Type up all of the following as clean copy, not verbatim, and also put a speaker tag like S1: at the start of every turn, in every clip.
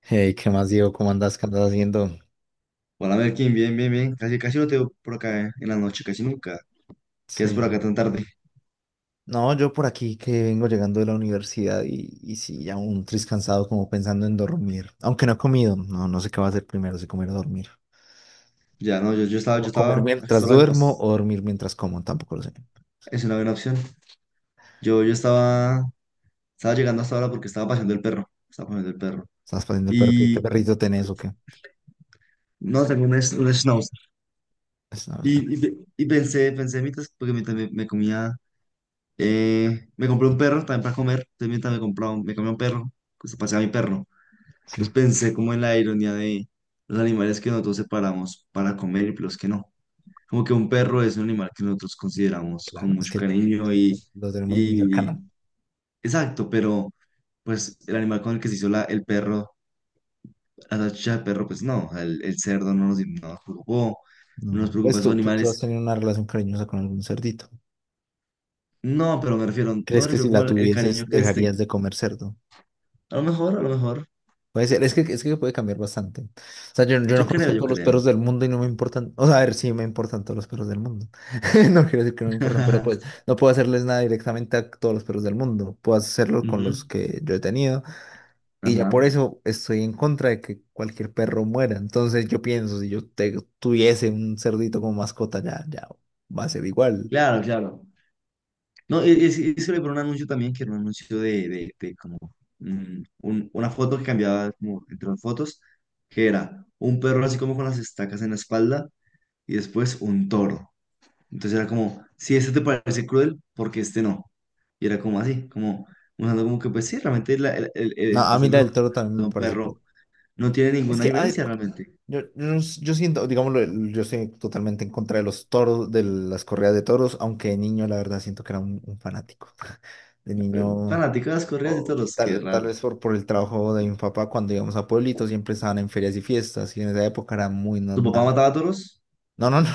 S1: Hey, ¿qué más, Diego? ¿Cómo andas? ¿Qué andas haciendo?
S2: Hola Merkin, bien, bien, bien. Casi, casi no te veo por acá en la noche, casi nunca. ¿Qué es
S1: Sí,
S2: por acá
S1: no.
S2: tan tarde?
S1: No, yo por aquí que vengo llegando de la universidad y sí, ya un tris cansado como pensando en dormir. Aunque no he comido, no, no sé qué va a hacer primero, si comer o dormir.
S2: Ya, no, yo, yo estaba, yo
S1: O comer
S2: estaba,
S1: mientras
S2: hasta ahora,
S1: duermo o dormir mientras como, tampoco lo sé.
S2: es una buena opción. Yo estaba llegando hasta ahora porque estaba paseando el perro,
S1: Estás pasando el perro, ¿qué
S2: Y
S1: perrito tenés o qué?
S2: no, tengo un schnauzer.
S1: Pues, no, o sea,
S2: Y pensé mientras, porque mientras me comía, me compré un perro también para comer, entonces mientras me compraba, me comía un perro, pues paseaba mi perro.
S1: sí,
S2: Entonces pensé como en la ironía de los animales que nosotros separamos para comer y los que no. Como que un perro es un animal que nosotros consideramos con
S1: claro, es
S2: mucho
S1: que lo
S2: cariño y,
S1: lo tenemos muy
S2: y
S1: cercano.
S2: exacto, pero pues el animal con el que se hizo el perro, la salchicha del perro, pues no, el cerdo no nos preocupó, no nos
S1: No.
S2: preocupa
S1: Pues
S2: esos
S1: tú has
S2: animales.
S1: tenido una relación cariñosa con algún cerdito.
S2: No, pero me refiero, no
S1: ¿Crees
S2: me
S1: que
S2: refiero
S1: si
S2: como
S1: la
S2: el cariño
S1: tuvieses
S2: que les tengo.
S1: dejarías de comer cerdo?
S2: A lo mejor,
S1: Puede ser, es que puede cambiar bastante. O sea, yo no,
S2: yo
S1: sí,
S2: creo,
S1: conozco
S2: yo
S1: todos los perros
S2: creo.
S1: del mundo y no me importan. O sea, a ver, sí me importan todos los perros del mundo. No quiero decir que no me importan, pero pues no puedo hacerles nada directamente a todos los perros del mundo. Puedo hacerlo con los
S2: Ujú,
S1: que yo he tenido. Y ya
S2: ajá.
S1: por eso estoy en contra de que cualquier perro muera. Entonces yo pienso, si yo tuviese un cerdito como mascota, ya, ya va a ser igual.
S2: Claro, claro. No, y se le por un anuncio también, que era un anuncio de como una foto que cambiaba como entre las fotos, que era un perro así como con las estacas en la espalda y después un toro. Entonces era como, si este te parece cruel, ¿porque este no? Y era como así, como mostrando como que pues sí, realmente
S1: No,
S2: el
S1: a mí la
S2: hacerle
S1: del toro también me
S2: un
S1: parece que...
S2: perro no tiene
S1: Es
S2: ninguna
S1: que, a ver,
S2: diferencia realmente.
S1: yo siento, digámoslo, yo estoy totalmente en contra de los toros, de las corridas de toros, aunque de niño la verdad siento que era un fanático. De niño,
S2: Fanático de las correas de
S1: o
S2: toros, qué
S1: tal
S2: raro.
S1: vez por el trabajo de mi papá, cuando íbamos a pueblitos siempre estaban en ferias y fiestas, y en esa época era muy
S2: ¿Tu papá
S1: normal.
S2: mataba toros?
S1: No, no, no,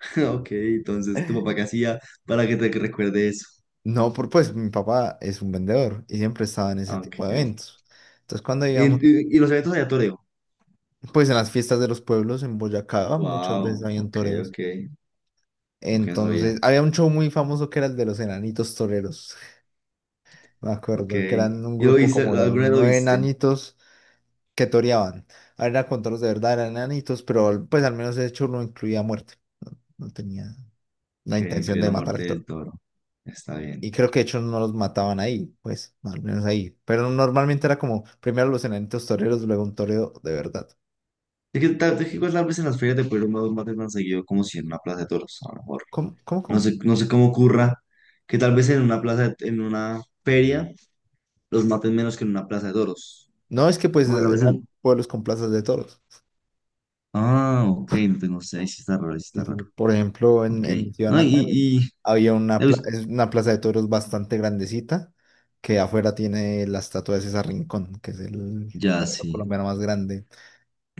S2: Ok, entonces, ¿tu papá qué hacía para que te recuerde eso?
S1: no, por pues mi papá es un vendedor y siempre estaba en ese tipo
S2: Ok.
S1: de eventos. Entonces cuando
S2: ¿Y,
S1: íbamos,
S2: y- y los eventos de aleatorio?
S1: pues en las fiestas de los pueblos en Boyacá muchas veces
S2: Wow.
S1: habían
S2: Ok,
S1: toreos.
S2: ok. Ok, no
S1: Entonces
S2: sabía.
S1: había un show muy famoso que era el de los enanitos toreros. Me
S2: Ok.
S1: acuerdo que eran un
S2: ¿Y lo
S1: grupo
S2: viste?
S1: como de
S2: ¿Alguna vez lo
S1: nueve
S2: viste?
S1: enanitos que toreaban. A ver, era con toros de verdad, eran enanitos, pero pues al menos de hecho no incluía muerte. No, no tenía la
S2: Que
S1: intención
S2: incluye
S1: de
S2: la
S1: matar
S2: muerte
S1: al
S2: del
S1: toro.
S2: toro. Está bien.
S1: Y creo que de hecho no los mataban ahí, pues, al menos ahí. Pero normalmente era como primero los enanitos toreros, luego un toreo de verdad.
S2: Es que igual tal vez en las ferias de Pueblo no maten tan seguido como si en una plaza de toros, a lo mejor.
S1: ¿Cómo, cómo,
S2: No
S1: cómo?
S2: sé, no sé cómo ocurra que tal vez en una plaza, en una feria, los maten menos que en una plaza de toros.
S1: No, es que pues
S2: Bueno, a veces
S1: eran
S2: no.
S1: pueblos con plazas de toros.
S2: Ah, ok, no tengo, sé, ahí sí está raro, ahí sí
S1: Sí,
S2: está
S1: sí.
S2: raro.
S1: Por ejemplo, en,
S2: Ok.
S1: en mi ciudad
S2: No,
S1: natal había es una plaza de toros bastante grandecita que afuera tiene la estatua de César Rincón, que es el
S2: ya,
S1: torero
S2: sí,
S1: colombiano más grande.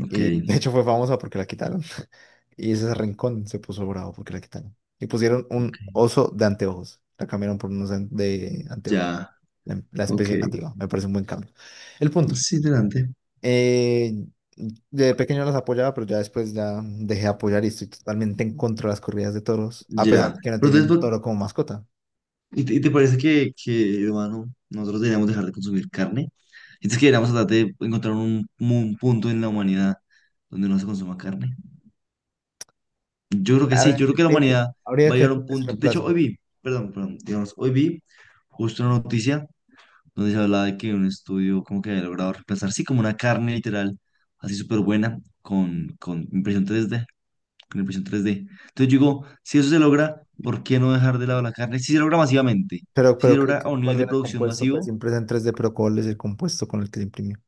S2: ok.
S1: Y de hecho fue famosa porque la quitaron. Y César Rincón se puso bravo porque la quitaron. Y pusieron un
S2: Ok.
S1: oso de anteojos. La cambiaron por unos de anteojos,
S2: Ya,
S1: la
S2: ok.
S1: especie nativa. Me parece un buen cambio. El punto.
S2: Es interesante.
S1: Eh, de pequeño los apoyaba, pero ya después ya dejé de apoyar y estoy totalmente en contra de las corridas de toros, a pesar
S2: Ya.
S1: de que no
S2: Pero
S1: tenía
S2: entonces,
S1: un toro como mascota.
S2: y te parece que, hermano, nosotros deberíamos dejar de consumir carne? Entonces que deberíamos tratar de encontrar un punto en la humanidad donde no se consuma carne. Yo creo que sí, yo
S1: Habría,
S2: creo que la
S1: habría que,
S2: humanidad
S1: Habría
S2: va a
S1: que
S2: llegar
S1: ver
S2: a un
S1: que se
S2: punto. De
S1: reemplace.
S2: hecho, perdón, digamos, hoy vi justo una noticia donde se hablaba de que un estudio como que había logrado reemplazar, sí, como una carne literal, así súper buena, con impresión 3D Entonces yo digo, si eso se logra, ¿por qué no dejar de lado la carne? Si se logra masivamente,
S1: Pero,
S2: si se
S1: pero
S2: logra a un nivel
S1: ¿cuál
S2: de
S1: era el
S2: producción
S1: compuesto? Pues
S2: masivo,
S1: siempre es en 3D, pero ¿cuál es el compuesto con el que se imprimió?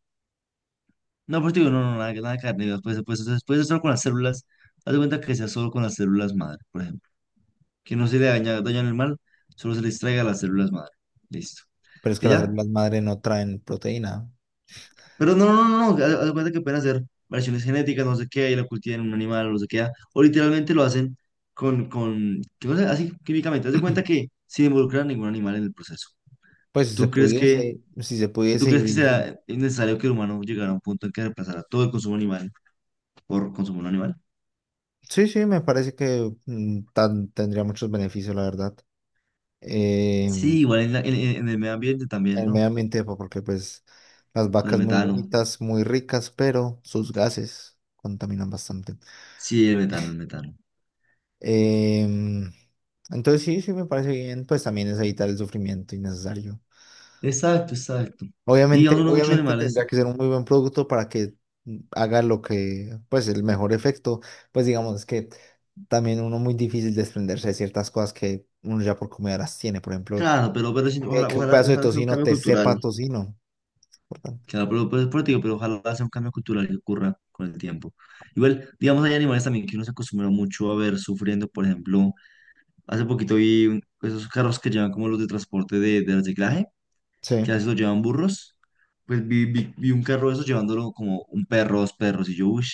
S2: no, pues digo, no, nada, nada de carne, después, después, después, solo con las células, haz de cuenta que sea solo con las células madre, por ejemplo, que no se le daña el mal, solo se le extraiga las células madre, listo.
S1: Pero es que
S2: Y
S1: las
S2: ya,
S1: células madre no traen proteína.
S2: pero no, no, no, no, haz de cuenta que pueden hacer variaciones genéticas, no sé qué, y la cultivan en un animal, no sé qué, o literalmente lo hacen con, yo no sé, así químicamente, haz de cuenta que sin involucrar ningún animal en el proceso.
S1: Pues si se
S2: ¿Tú crees que,
S1: pudiese, si se
S2: Tú
S1: pudiese y
S2: crees que
S1: hubiese.
S2: será necesario que el humano llegara a un punto en que reemplazara todo el consumo animal por consumo no animal?
S1: Sí, sí, me parece que tendría muchos beneficios, la verdad. Eh,
S2: Sí, igual en, la- en el medio ambiente también,
S1: el
S2: ¿no?
S1: medio ambiente, porque pues las
S2: Con el
S1: vacas muy
S2: metano.
S1: bonitas, muy ricas, pero sus gases contaminan bastante.
S2: Sí, el metano, el metano.
S1: Em, entonces sí, sí me parece bien, pues también es evitar el sufrimiento innecesario.
S2: Exacto, exacto. Y
S1: Obviamente,
S2: aún no muchos
S1: obviamente
S2: animales,
S1: tendría que ser un muy buen producto para que haga lo que, pues el mejor efecto, pues digamos que también uno muy difícil desprenderse de ciertas cosas que uno ya por comida las tiene, por ejemplo,
S2: claro, pero sí,
S1: que,
S2: ojalá,
S1: que un
S2: ojalá,
S1: pedazo de
S2: ojalá sea un
S1: tocino
S2: cambio
S1: te sepa
S2: cultural.
S1: a tocino.
S2: Claro, pero, te digo, pero ojalá sea un cambio cultural que ocurra con el tiempo. Igual, digamos, hay animales también que uno se acostumbra mucho a ver sufriendo, por ejemplo, hace poquito vi esos carros que llevan como los de transporte de reciclaje
S1: Sí.
S2: que a veces lo llevan burros, pues vi un carro de esos llevándolo como un perro, dos perros, y yo, uff,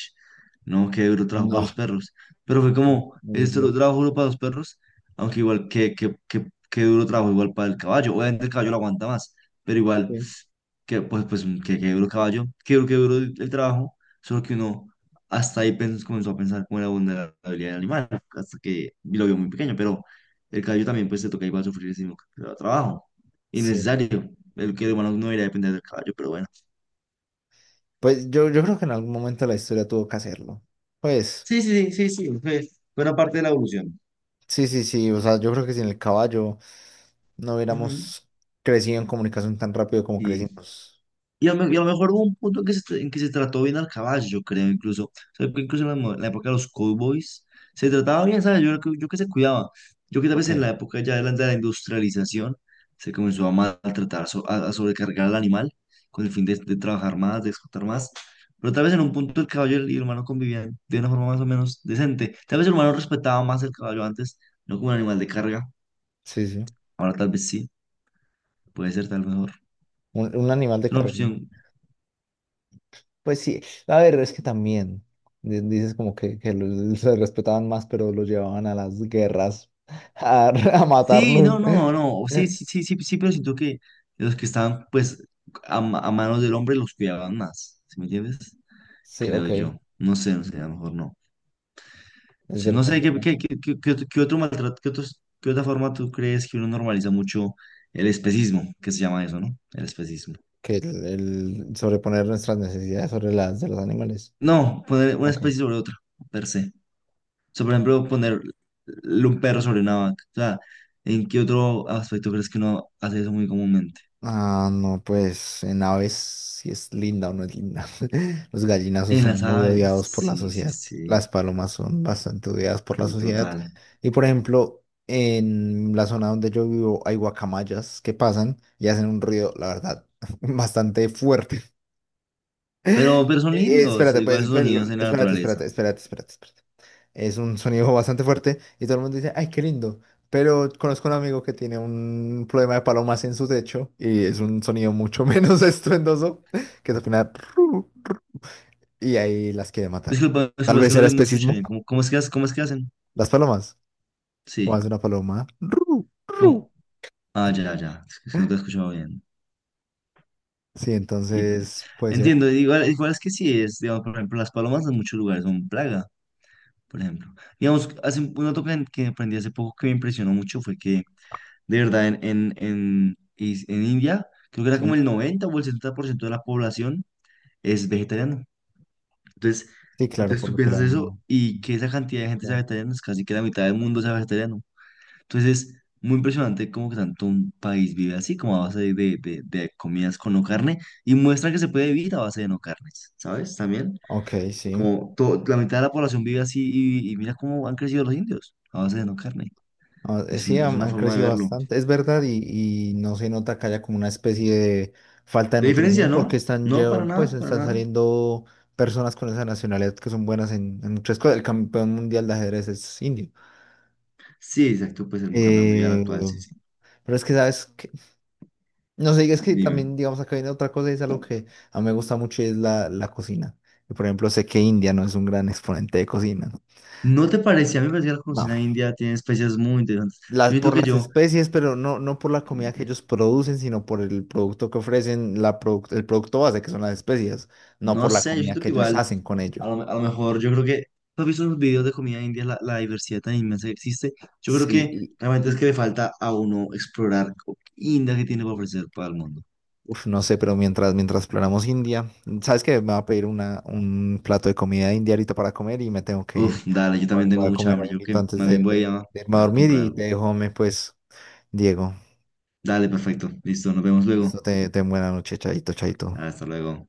S2: no, qué duro trabajo para
S1: No,
S2: los perros. Pero fue como,
S1: muy
S2: esto lo
S1: loco.
S2: trabajo duro para los perros, aunque igual que, qué duro trabajo igual para el caballo. Obviamente el caballo lo aguanta más, pero igual,
S1: sí
S2: pues qué que duro caballo, qué duro, que duro el trabajo, solo que uno hasta ahí comenzó a pensar como la vulnerabilidad del animal, hasta que lo vio muy pequeño, pero el caballo también pues se toca igual sufrir ese mismo trabajo.
S1: Sí,
S2: Innecesario. El que humano no debería depender del caballo, pero bueno.
S1: pues yo creo que en algún momento la historia tuvo que hacerlo. Pues,
S2: Sí, sí, sí, sí, sí. Fue una parte de la evolución.
S1: sí, sí, sí, o sea, yo creo que sin el caballo no
S2: Ujú.
S1: hubiéramos crecido en comunicación tan rápido como
S2: Y
S1: crecimos.
S2: y a lo mejor hubo un punto en que en que se trató bien al caballo, yo creo, incluso. O sea, que incluso en la época de los cowboys se trataba bien, ¿sabes? Yo que se cuidaba. Yo que tal vez
S1: Ok,
S2: en la época ya de la industrialización se comenzó a maltratar, a sobrecargar al animal con el fin de trabajar más, de explotar más. Pero tal vez en un punto el caballo y el humano convivían de una forma más o menos decente. Tal vez el humano respetaba más el caballo antes, no como un animal de carga.
S1: sí, sí.
S2: Ahora tal vez sí, puede ser tal vez mejor.
S1: Un animal de
S2: Es una
S1: carrera.
S2: opción.
S1: Pues sí, a ver, es que también dices como que se respetaban más, pero los llevaban a las guerras a
S2: Sí,
S1: matarlos.
S2: no, no, no, sí, sí, sí, sí, sí, pero siento que los que estaban, pues, a manos del hombre los cuidaban más, ¿sí me entiendes?
S1: Sí,
S2: Creo
S1: ok, es
S2: yo, no sé, no sé, a lo mejor no. Sí, no
S1: verdad, es
S2: sé, ¿qué,
S1: verdad.
S2: qué, qué, qué- qué otro maltrato, qué otra forma tú crees que uno normaliza mucho el especismo, que se llama eso, ¿no? El especismo.
S1: Que el sobreponer nuestras necesidades sobre las de los animales.
S2: No, poner una
S1: Ok.
S2: especie sobre otra, per se. O sea, por ejemplo, poner un perro sobre una vaca. O sea, ¿en qué otro aspecto crees que uno hace eso muy comúnmente?
S1: Ah, no, pues en aves si es linda o no es linda. Los gallinazos
S2: En
S1: son
S2: las
S1: muy
S2: aves,
S1: odiados por la
S2: sí, sí,
S1: sociedad.
S2: sí.
S1: Las palomas son bastante odiadas por la
S2: Sí,
S1: sociedad.
S2: total.
S1: Y por ejemplo, en la zona donde yo vivo hay guacamayas que pasan y hacen un ruido, la verdad, bastante fuerte.
S2: Pero son lindos,
S1: Espérate,
S2: digo,
S1: pues,
S2: esos
S1: pues,
S2: sonidos en la
S1: espérate,
S2: naturaleza.
S1: espérate, espérate, espérate. Espérate. Es un sonido bastante fuerte y todo el mundo dice, ay, qué lindo. Pero conozco un amigo que tiene un problema de palomas en su techo y es un sonido mucho menos estruendoso, que es al final, "Ru", y ahí las quiere matar.
S2: Disculpa,
S1: Tal
S2: disculpa, es
S1: vez
S2: que
S1: era
S2: no te escuché
S1: especismo.
S2: bien. ¿Cómo, cómo es que, cómo es que hacen?
S1: Las palomas. ¿Cómo hace
S2: Sí.
S1: una paloma? "Ru, ru".
S2: ¿Cómo? Ah, ya, ya. Es que no te he escuchado bien.
S1: Sí,
S2: Y-
S1: entonces puede ser.
S2: Entiendo, igual, es que sí es, digamos, por ejemplo, las palomas en muchos lugares son plaga, por ejemplo. Digamos, hace un dato que aprendí hace poco que me impresionó mucho fue que, de verdad, en India, creo que era como
S1: Sí,
S2: el 90 o el 70% de la población es vegetariano. Entonces,
S1: sí, claro, por
S2: tú
S1: lo que la...
S2: piensas eso y que esa cantidad de gente sea
S1: la-
S2: vegetariana es casi que la mitad del mundo sea vegetariano. Entonces es muy impresionante cómo que tanto un país vive así, como a base de comidas con no carne, y muestra que se puede vivir a base de no carnes, ¿sabes? También,
S1: Ok, sí.
S2: como la mitad de la población vive así y mira cómo han crecido los indios a base de no carne.
S1: Ah,
S2: Es,
S1: sí,
S2: es
S1: han,
S2: una
S1: han
S2: forma de
S1: crecido
S2: verlo.
S1: bastante, es verdad, y no se nota que haya como una especie de falta de
S2: De diferencia,
S1: nutrición porque
S2: ¿no?
S1: están ya,
S2: No, para
S1: pues
S2: nada, para
S1: están
S2: nada.
S1: saliendo personas con esa nacionalidad que son buenas en muchas cosas. El campeón mundial de ajedrez es indio.
S2: Sí, exacto, pues el campeón mundial
S1: Eh,
S2: actual, sí, sí.
S1: pero es que, ¿sabes? Que no sé, es que
S2: Dime.
S1: también, digamos, acá viene otra cosa y es algo que a mí me gusta mucho y es la cocina. Y, por ejemplo, sé que India no es un gran exponente de cocina.
S2: ¿No te parece? A mí me parece que la
S1: No.
S2: cocina india tiene especies muy interesantes.
S1: las,
S2: Yo siento
S1: por
S2: que
S1: las
S2: yo,
S1: especies, pero no, no por la comida que ellos producen, sino por el producto que ofrecen, el producto base, que son las especies, no por
S2: no
S1: la
S2: sé, Yo
S1: comida
S2: siento
S1: que
S2: que
S1: ellos
S2: igual,
S1: hacen con ello.
S2: a lo mejor, yo creo que, ¿tú has visto en los videos de comida india, la diversidad tan inmensa que existe? Yo creo
S1: Sí,
S2: que realmente es que le falta a uno explorar India que tiene para ofrecer para el mundo.
S1: uf, no sé, pero mientras planeamos India, ¿sabes qué? Me va a pedir un plato de comida india ahorita para comer y me tengo que
S2: Uf,
S1: ir.
S2: dale, yo
S1: Voy,
S2: también tengo
S1: voy a
S2: mucha
S1: comer
S2: hambre. Yo
S1: algo
S2: que
S1: antes
S2: más
S1: de,
S2: bien
S1: de, de irme a
S2: voy a
S1: dormir
S2: comprar
S1: y te
S2: algo.
S1: dejo, me, pues, Diego.
S2: Dale, perfecto. Listo, nos vemos luego.
S1: Listo, te buena noche, chaito, chaito.
S2: Hasta luego.